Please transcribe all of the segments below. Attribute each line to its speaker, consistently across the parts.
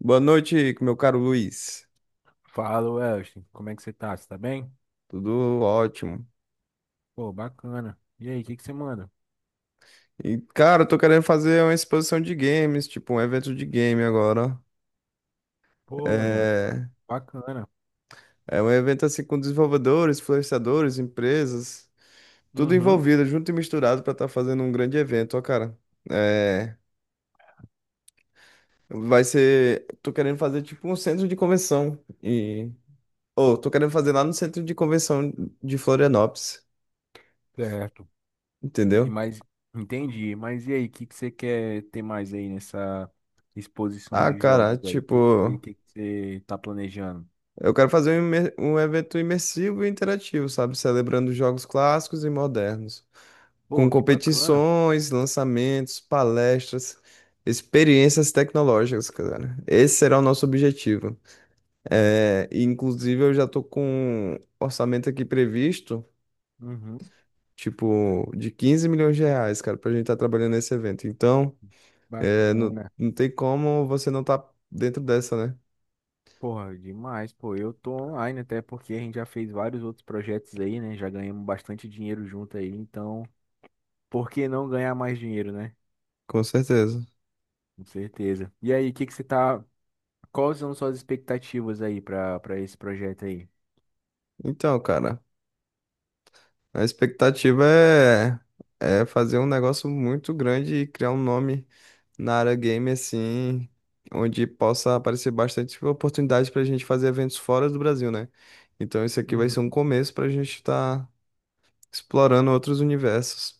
Speaker 1: Boa noite, meu caro Luiz.
Speaker 2: Fala, Welston. Como é que você tá? Você tá bem?
Speaker 1: Tudo ótimo.
Speaker 2: Pô, bacana. E aí, o que que você manda?
Speaker 1: E, cara, eu tô querendo fazer uma exposição de games, tipo um evento de game agora.
Speaker 2: Pô, meu mano,
Speaker 1: É,
Speaker 2: bacana.
Speaker 1: é um evento assim com desenvolvedores, influenciadores, empresas, tudo
Speaker 2: Uhum,
Speaker 1: envolvido, junto e misturado pra estar fazendo um grande evento, ó, cara. É, vai ser. Tô querendo fazer tipo um centro de convenção. E, ou, tô querendo fazer lá no centro de convenção de Florianópolis,
Speaker 2: certo. E
Speaker 1: entendeu?
Speaker 2: mais, entendi. Mas e aí, o que que você quer ter mais aí nessa exposição
Speaker 1: Ah,
Speaker 2: de
Speaker 1: cara,
Speaker 2: jogos aí? O
Speaker 1: tipo.
Speaker 2: que que você tá planejando?
Speaker 1: Eu quero fazer um evento imersivo e interativo, sabe? Celebrando jogos clássicos e modernos,
Speaker 2: Pô,
Speaker 1: com
Speaker 2: que bacana.
Speaker 1: competições, lançamentos, palestras, experiências tecnológicas, cara. Esse será o nosso objetivo. É, e, inclusive, eu já tô com um orçamento aqui previsto,
Speaker 2: Uhum,
Speaker 1: tipo, de 15 milhões de reais, cara, pra gente estar trabalhando nesse evento. Então, é, não,
Speaker 2: bacana.
Speaker 1: não tem como você não estar dentro dessa, né?
Speaker 2: Porra, demais, pô. Eu tô online até porque a gente já fez vários outros projetos aí, né? Já ganhamos bastante dinheiro junto aí, então, por que não ganhar mais dinheiro, né?
Speaker 1: Com certeza.
Speaker 2: Com certeza. E aí, o que que você tá. Quais são suas expectativas aí para esse projeto aí?
Speaker 1: Então, cara. A expectativa é, é fazer um negócio muito grande e criar um nome na área game, assim, onde possa aparecer bastante oportunidade para a gente fazer eventos fora do Brasil, né? Então, isso aqui vai
Speaker 2: Uhum.
Speaker 1: ser um começo para a gente estar explorando outros universos.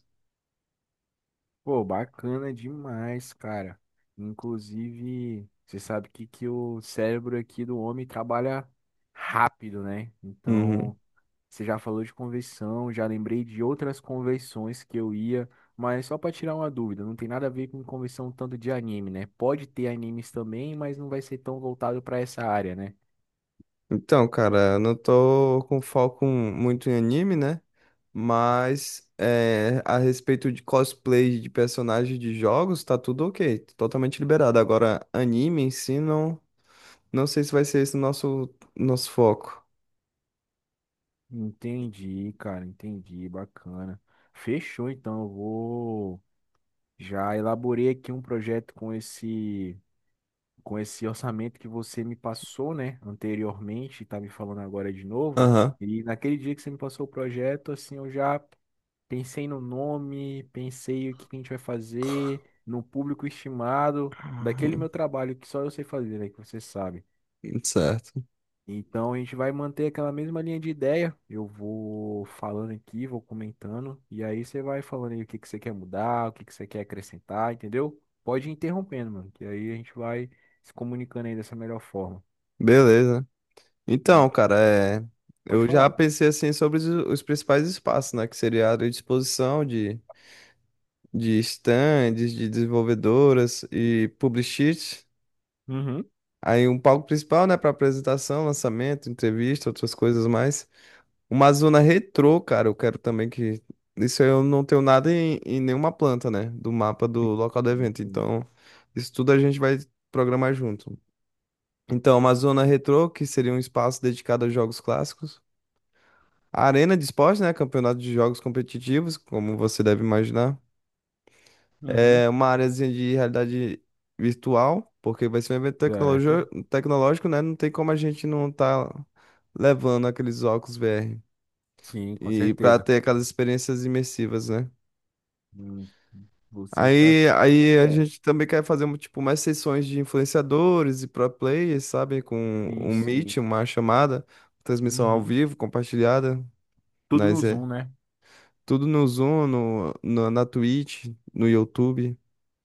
Speaker 2: Pô, bacana demais, cara. Inclusive, você sabe que o cérebro aqui do homem trabalha rápido, né?
Speaker 1: Uhum.
Speaker 2: Então, você já falou de convenção, já lembrei de outras convenções que eu ia, mas só para tirar uma dúvida, não tem nada a ver com convenção tanto de anime, né? Pode ter animes também, mas não vai ser tão voltado para essa área, né?
Speaker 1: Então, cara, eu não tô com foco muito em anime, né? Mas é, a respeito de cosplay de personagens de jogos, tá tudo ok, totalmente liberado. Agora, anime em si não. Não sei se vai ser esse o nosso foco.
Speaker 2: Entendi, cara, entendi, bacana. Fechou, então, eu vou já elaborei aqui um projeto com esse orçamento que você me passou, né, anteriormente, tá me falando agora de novo.
Speaker 1: Aham.
Speaker 2: E naquele dia que você me passou o projeto, assim, eu já pensei no nome, pensei o que que a gente vai fazer, no público estimado, daquele meu trabalho que só eu sei fazer, né, que você sabe.
Speaker 1: Certo.
Speaker 2: Então a gente vai manter aquela mesma linha de ideia. Eu vou falando aqui, vou comentando, e aí você vai falando aí o que que você quer mudar, o que que você quer acrescentar, entendeu? Pode ir interrompendo, mano, que aí a gente vai se comunicando aí dessa melhor forma.
Speaker 1: Beleza. Então,
Speaker 2: Hum.
Speaker 1: cara, é...
Speaker 2: Pode
Speaker 1: eu já
Speaker 2: falar.
Speaker 1: pensei assim sobre os principais espaços, né? Que seria a área de exposição de stands, de desenvolvedoras e publicists.
Speaker 2: Uhum.
Speaker 1: Aí um palco principal, né, para apresentação, lançamento, entrevista, outras coisas mais. Uma zona retrô, cara, eu quero também que. Isso eu não tenho nada em nenhuma planta, né? Do mapa do local do
Speaker 2: Sim,
Speaker 1: evento.
Speaker 2: sim.
Speaker 1: Então, isso tudo a gente vai programar junto. Então, uma zona retrô, que seria um espaço dedicado a jogos clássicos. A arena de esporte, né? Campeonato de jogos competitivos, como você deve imaginar.
Speaker 2: Uhum,
Speaker 1: É uma áreazinha de realidade virtual, porque vai ser um evento
Speaker 2: certo.
Speaker 1: tecnológico, né? Não tem como a gente não estar levando aqueles óculos VR.
Speaker 2: Sim, com
Speaker 1: E para
Speaker 2: certeza.
Speaker 1: ter aquelas experiências imersivas, né?
Speaker 2: Hum. Você está
Speaker 1: Aí,
Speaker 2: super
Speaker 1: aí a
Speaker 2: certo.
Speaker 1: gente também quer fazer um, tipo mais sessões de influenciadores e pro players, sabe? Com
Speaker 2: Sim,
Speaker 1: um
Speaker 2: sim.
Speaker 1: meet, uma chamada, transmissão ao
Speaker 2: Uhum.
Speaker 1: vivo, compartilhada,
Speaker 2: Tudo no
Speaker 1: mas é
Speaker 2: Zoom, né?
Speaker 1: tudo no Zoom, na Twitch, no YouTube.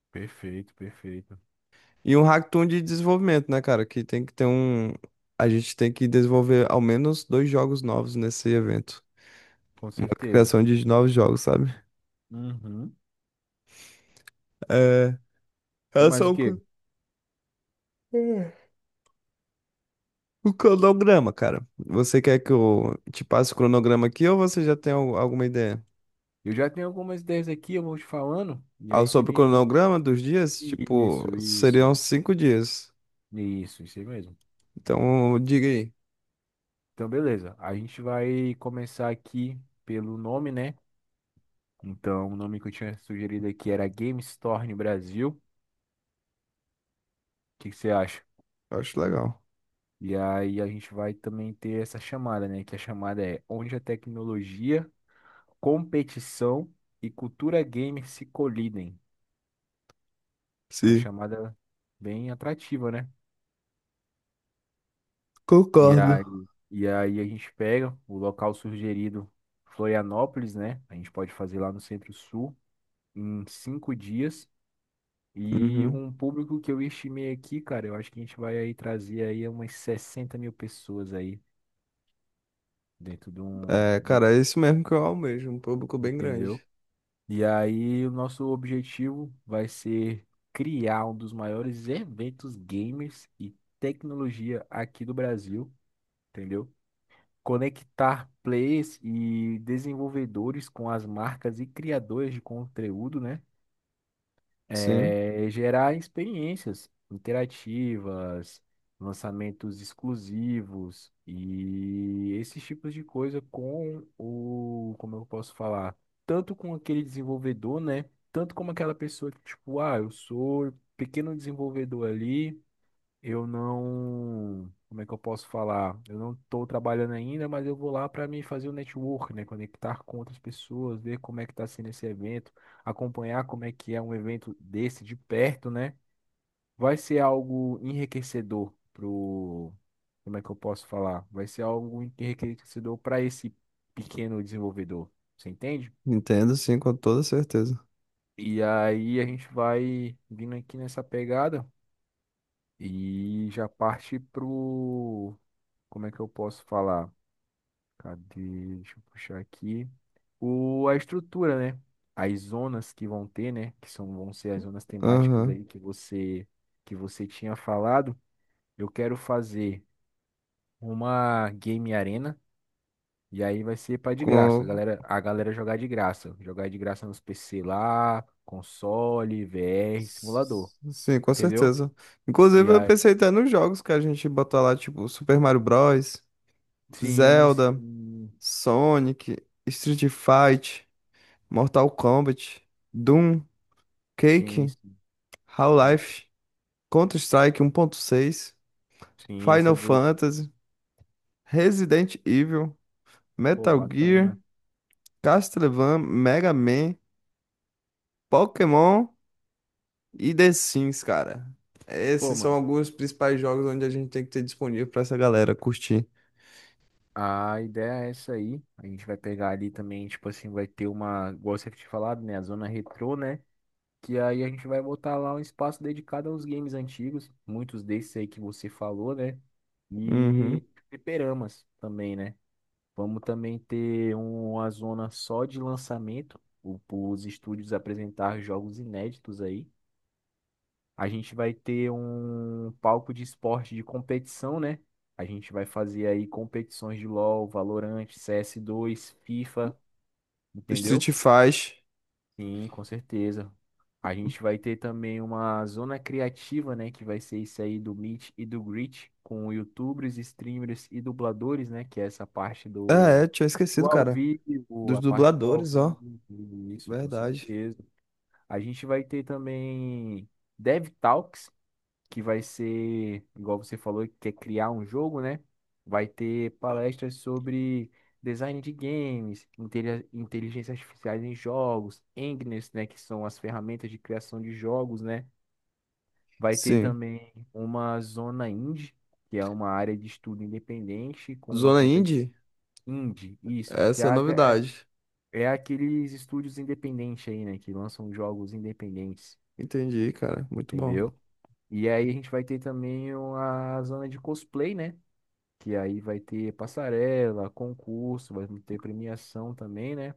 Speaker 2: Perfeito, perfeito.
Speaker 1: E um hackathon de desenvolvimento, né, cara? Que tem que ter um. A gente tem que desenvolver ao menos dois jogos novos nesse evento.
Speaker 2: Com
Speaker 1: Uma
Speaker 2: certeza.
Speaker 1: criação de novos jogos, sabe?
Speaker 2: Uhum.
Speaker 1: É.
Speaker 2: E
Speaker 1: Elas
Speaker 2: mais o
Speaker 1: são.
Speaker 2: quê?
Speaker 1: co- O cronograma, cara. Você quer que eu te passe o cronograma aqui ou você já tem alguma ideia?
Speaker 2: Eu já tenho algumas ideias aqui, eu vou te falando. E
Speaker 1: Ah,
Speaker 2: aí você
Speaker 1: sobre o
Speaker 2: me.
Speaker 1: cronograma dos dias, tipo,
Speaker 2: Isso, isso.
Speaker 1: seriam 5 dias.
Speaker 2: Isso aí mesmo.
Speaker 1: Então, diga aí.
Speaker 2: Então, beleza. A gente vai começar aqui pelo nome, né? Então, o nome que eu tinha sugerido aqui era Game Store no Brasil. O que que você acha?
Speaker 1: Eu acho legal.
Speaker 2: E aí a gente vai também ter essa chamada, né? Que a chamada é Onde a Tecnologia, Competição e Cultura Gamer se colidem. É uma
Speaker 1: Sim,
Speaker 2: chamada bem atrativa, né?
Speaker 1: concordo.
Speaker 2: E aí a gente pega o local sugerido, Florianópolis, né? A gente pode fazer lá no Centro-Sul em 5 dias. E
Speaker 1: Uhum.
Speaker 2: um público que eu estimei aqui, cara, eu acho que a gente vai aí trazer aí umas 60 mil pessoas aí dentro de um,
Speaker 1: É,
Speaker 2: de um,
Speaker 1: cara, é isso mesmo que eu almejo, um público bem
Speaker 2: entendeu?
Speaker 1: grande.
Speaker 2: E aí o nosso objetivo vai ser criar um dos maiores eventos gamers e tecnologia aqui do Brasil, entendeu? Conectar players e desenvolvedores com as marcas e criadores de conteúdo, né?
Speaker 1: Sim,
Speaker 2: É, gerar experiências interativas, lançamentos exclusivos e esses tipos de coisa com o, como eu posso falar, tanto com aquele desenvolvedor, né? Tanto como aquela pessoa que, tipo, ah, eu sou pequeno desenvolvedor ali. Eu não, como é que eu posso falar? Eu não estou trabalhando ainda, mas eu vou lá para me fazer o network, né? Conectar com outras pessoas, ver como é que está sendo esse evento, acompanhar como é que é um evento desse de perto, né? Vai ser algo enriquecedor pro, como é que eu posso falar? Vai ser algo enriquecedor para esse pequeno desenvolvedor, você entende?
Speaker 1: entendo, sim, com toda certeza.
Speaker 2: E aí a gente vai vindo aqui nessa pegada e já parte pro como é que eu posso falar? Cadê? Deixa eu puxar aqui. O, a estrutura, né? As zonas que vão ter, né? Que são, vão ser as zonas temáticas
Speaker 1: Aham.
Speaker 2: aí que você tinha falado. Eu quero fazer uma game arena. E aí vai ser para de graça.
Speaker 1: Com...
Speaker 2: A galera jogar de graça. Jogar de graça nos PC lá, console, VR, simulador.
Speaker 1: Sim, com
Speaker 2: Entendeu?
Speaker 1: certeza.
Speaker 2: E
Speaker 1: Inclusive, eu
Speaker 2: aí.
Speaker 1: pensei até nos jogos que a gente botar lá, tipo, Super Mario Bros,
Speaker 2: Sim,
Speaker 1: Zelda.
Speaker 2: sim.
Speaker 1: Sonic, Street Fight, Mortal Kombat, Doom,
Speaker 2: Sim,
Speaker 1: Quake,
Speaker 2: sim.
Speaker 1: Half-Life, Counter-Strike 1.6,
Speaker 2: Sim, esse
Speaker 1: Final
Speaker 2: é do.
Speaker 1: Fantasy, Resident Evil,
Speaker 2: Pô,
Speaker 1: Metal Gear,
Speaker 2: bacana.
Speaker 1: Castlevania, Mega Man, Pokémon e The Sims, cara.
Speaker 2: Pô,
Speaker 1: Esses são
Speaker 2: mano.
Speaker 1: alguns dos principais jogos onde a gente tem que ter disponível pra essa galera curtir.
Speaker 2: A ideia é essa aí. A gente vai pegar ali também, tipo assim, vai ter uma, igual você tinha falado, né? A zona retrô, né? Que aí a gente vai botar lá um espaço dedicado aos games antigos, muitos desses aí que você falou, né? E
Speaker 1: Uhum.
Speaker 2: fliperamas também, né? Vamos também ter uma zona só de lançamento, os estúdios apresentar jogos inéditos aí. A gente vai ter um palco de esporte de competição, né? A gente vai fazer aí competições de LoL, Valorant, CS2, FIFA, entendeu?
Speaker 1: Street Fight.
Speaker 2: Sim, com certeza. A gente vai ter também uma zona criativa, né? Que vai ser isso aí do Meet e do Greet, com YouTubers, streamers e dubladores, né? Que é essa parte
Speaker 1: Ah,
Speaker 2: do,
Speaker 1: é, tinha
Speaker 2: do
Speaker 1: esquecido,
Speaker 2: ao
Speaker 1: cara.
Speaker 2: vivo,
Speaker 1: Dos
Speaker 2: a parte do ao
Speaker 1: dubladores, ó.
Speaker 2: vivo, isso, com
Speaker 1: Verdade.
Speaker 2: certeza. A gente vai ter também dev talks que vai ser, igual você falou, que quer criar um jogo, né? Vai ter palestras sobre design de games, inteligência artificial em jogos, Engines, né, que são as ferramentas de criação de jogos, né? Vai ter
Speaker 1: Sim.
Speaker 2: também uma zona indie, que é uma área de estudo independente com
Speaker 1: Zona
Speaker 2: competição
Speaker 1: Indie?
Speaker 2: indie, isso, que é,
Speaker 1: Essa é a
Speaker 2: é
Speaker 1: novidade.
Speaker 2: é aqueles estúdios independentes aí, né, que lançam jogos independentes,
Speaker 1: Entendi, cara. Muito bom.
Speaker 2: entendeu? E aí a gente vai ter também a zona de cosplay, né? Que aí vai ter passarela, concurso, vai ter premiação também, né?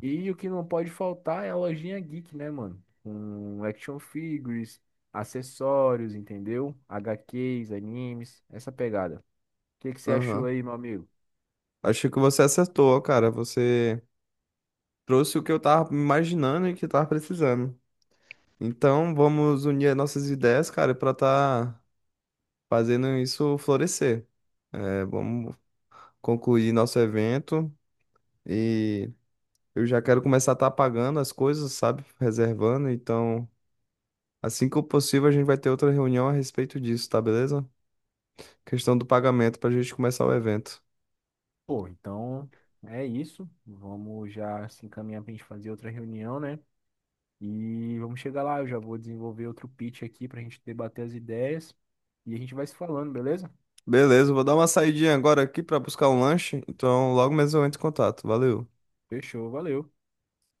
Speaker 2: E o que não pode faltar é a lojinha geek, né, mano? Com action figures, acessórios, entendeu? HQs, animes, essa pegada. O que que você achou
Speaker 1: Aham.
Speaker 2: aí, meu amigo?
Speaker 1: Achei que você acertou, cara. Você trouxe o que eu tava imaginando e que eu tava precisando. Então, vamos unir as nossas ideias, cara, pra tá fazendo isso florescer. É, vamos concluir nosso evento e eu já quero começar a tá pagando as coisas, sabe? Reservando. Então, assim que possível, a gente vai ter outra reunião a respeito disso, tá beleza? Questão do pagamento pra gente começar o evento.
Speaker 2: Pô, então é isso. Vamos já se encaminhar pra gente fazer outra reunião, né? E vamos chegar lá, eu já vou desenvolver outro pitch aqui para a gente debater as ideias e a gente vai se falando, beleza?
Speaker 1: Beleza, vou dar uma saidinha agora aqui pra buscar um lanche. Então, logo mesmo eu entro em contato. Valeu.
Speaker 2: Fechou, valeu.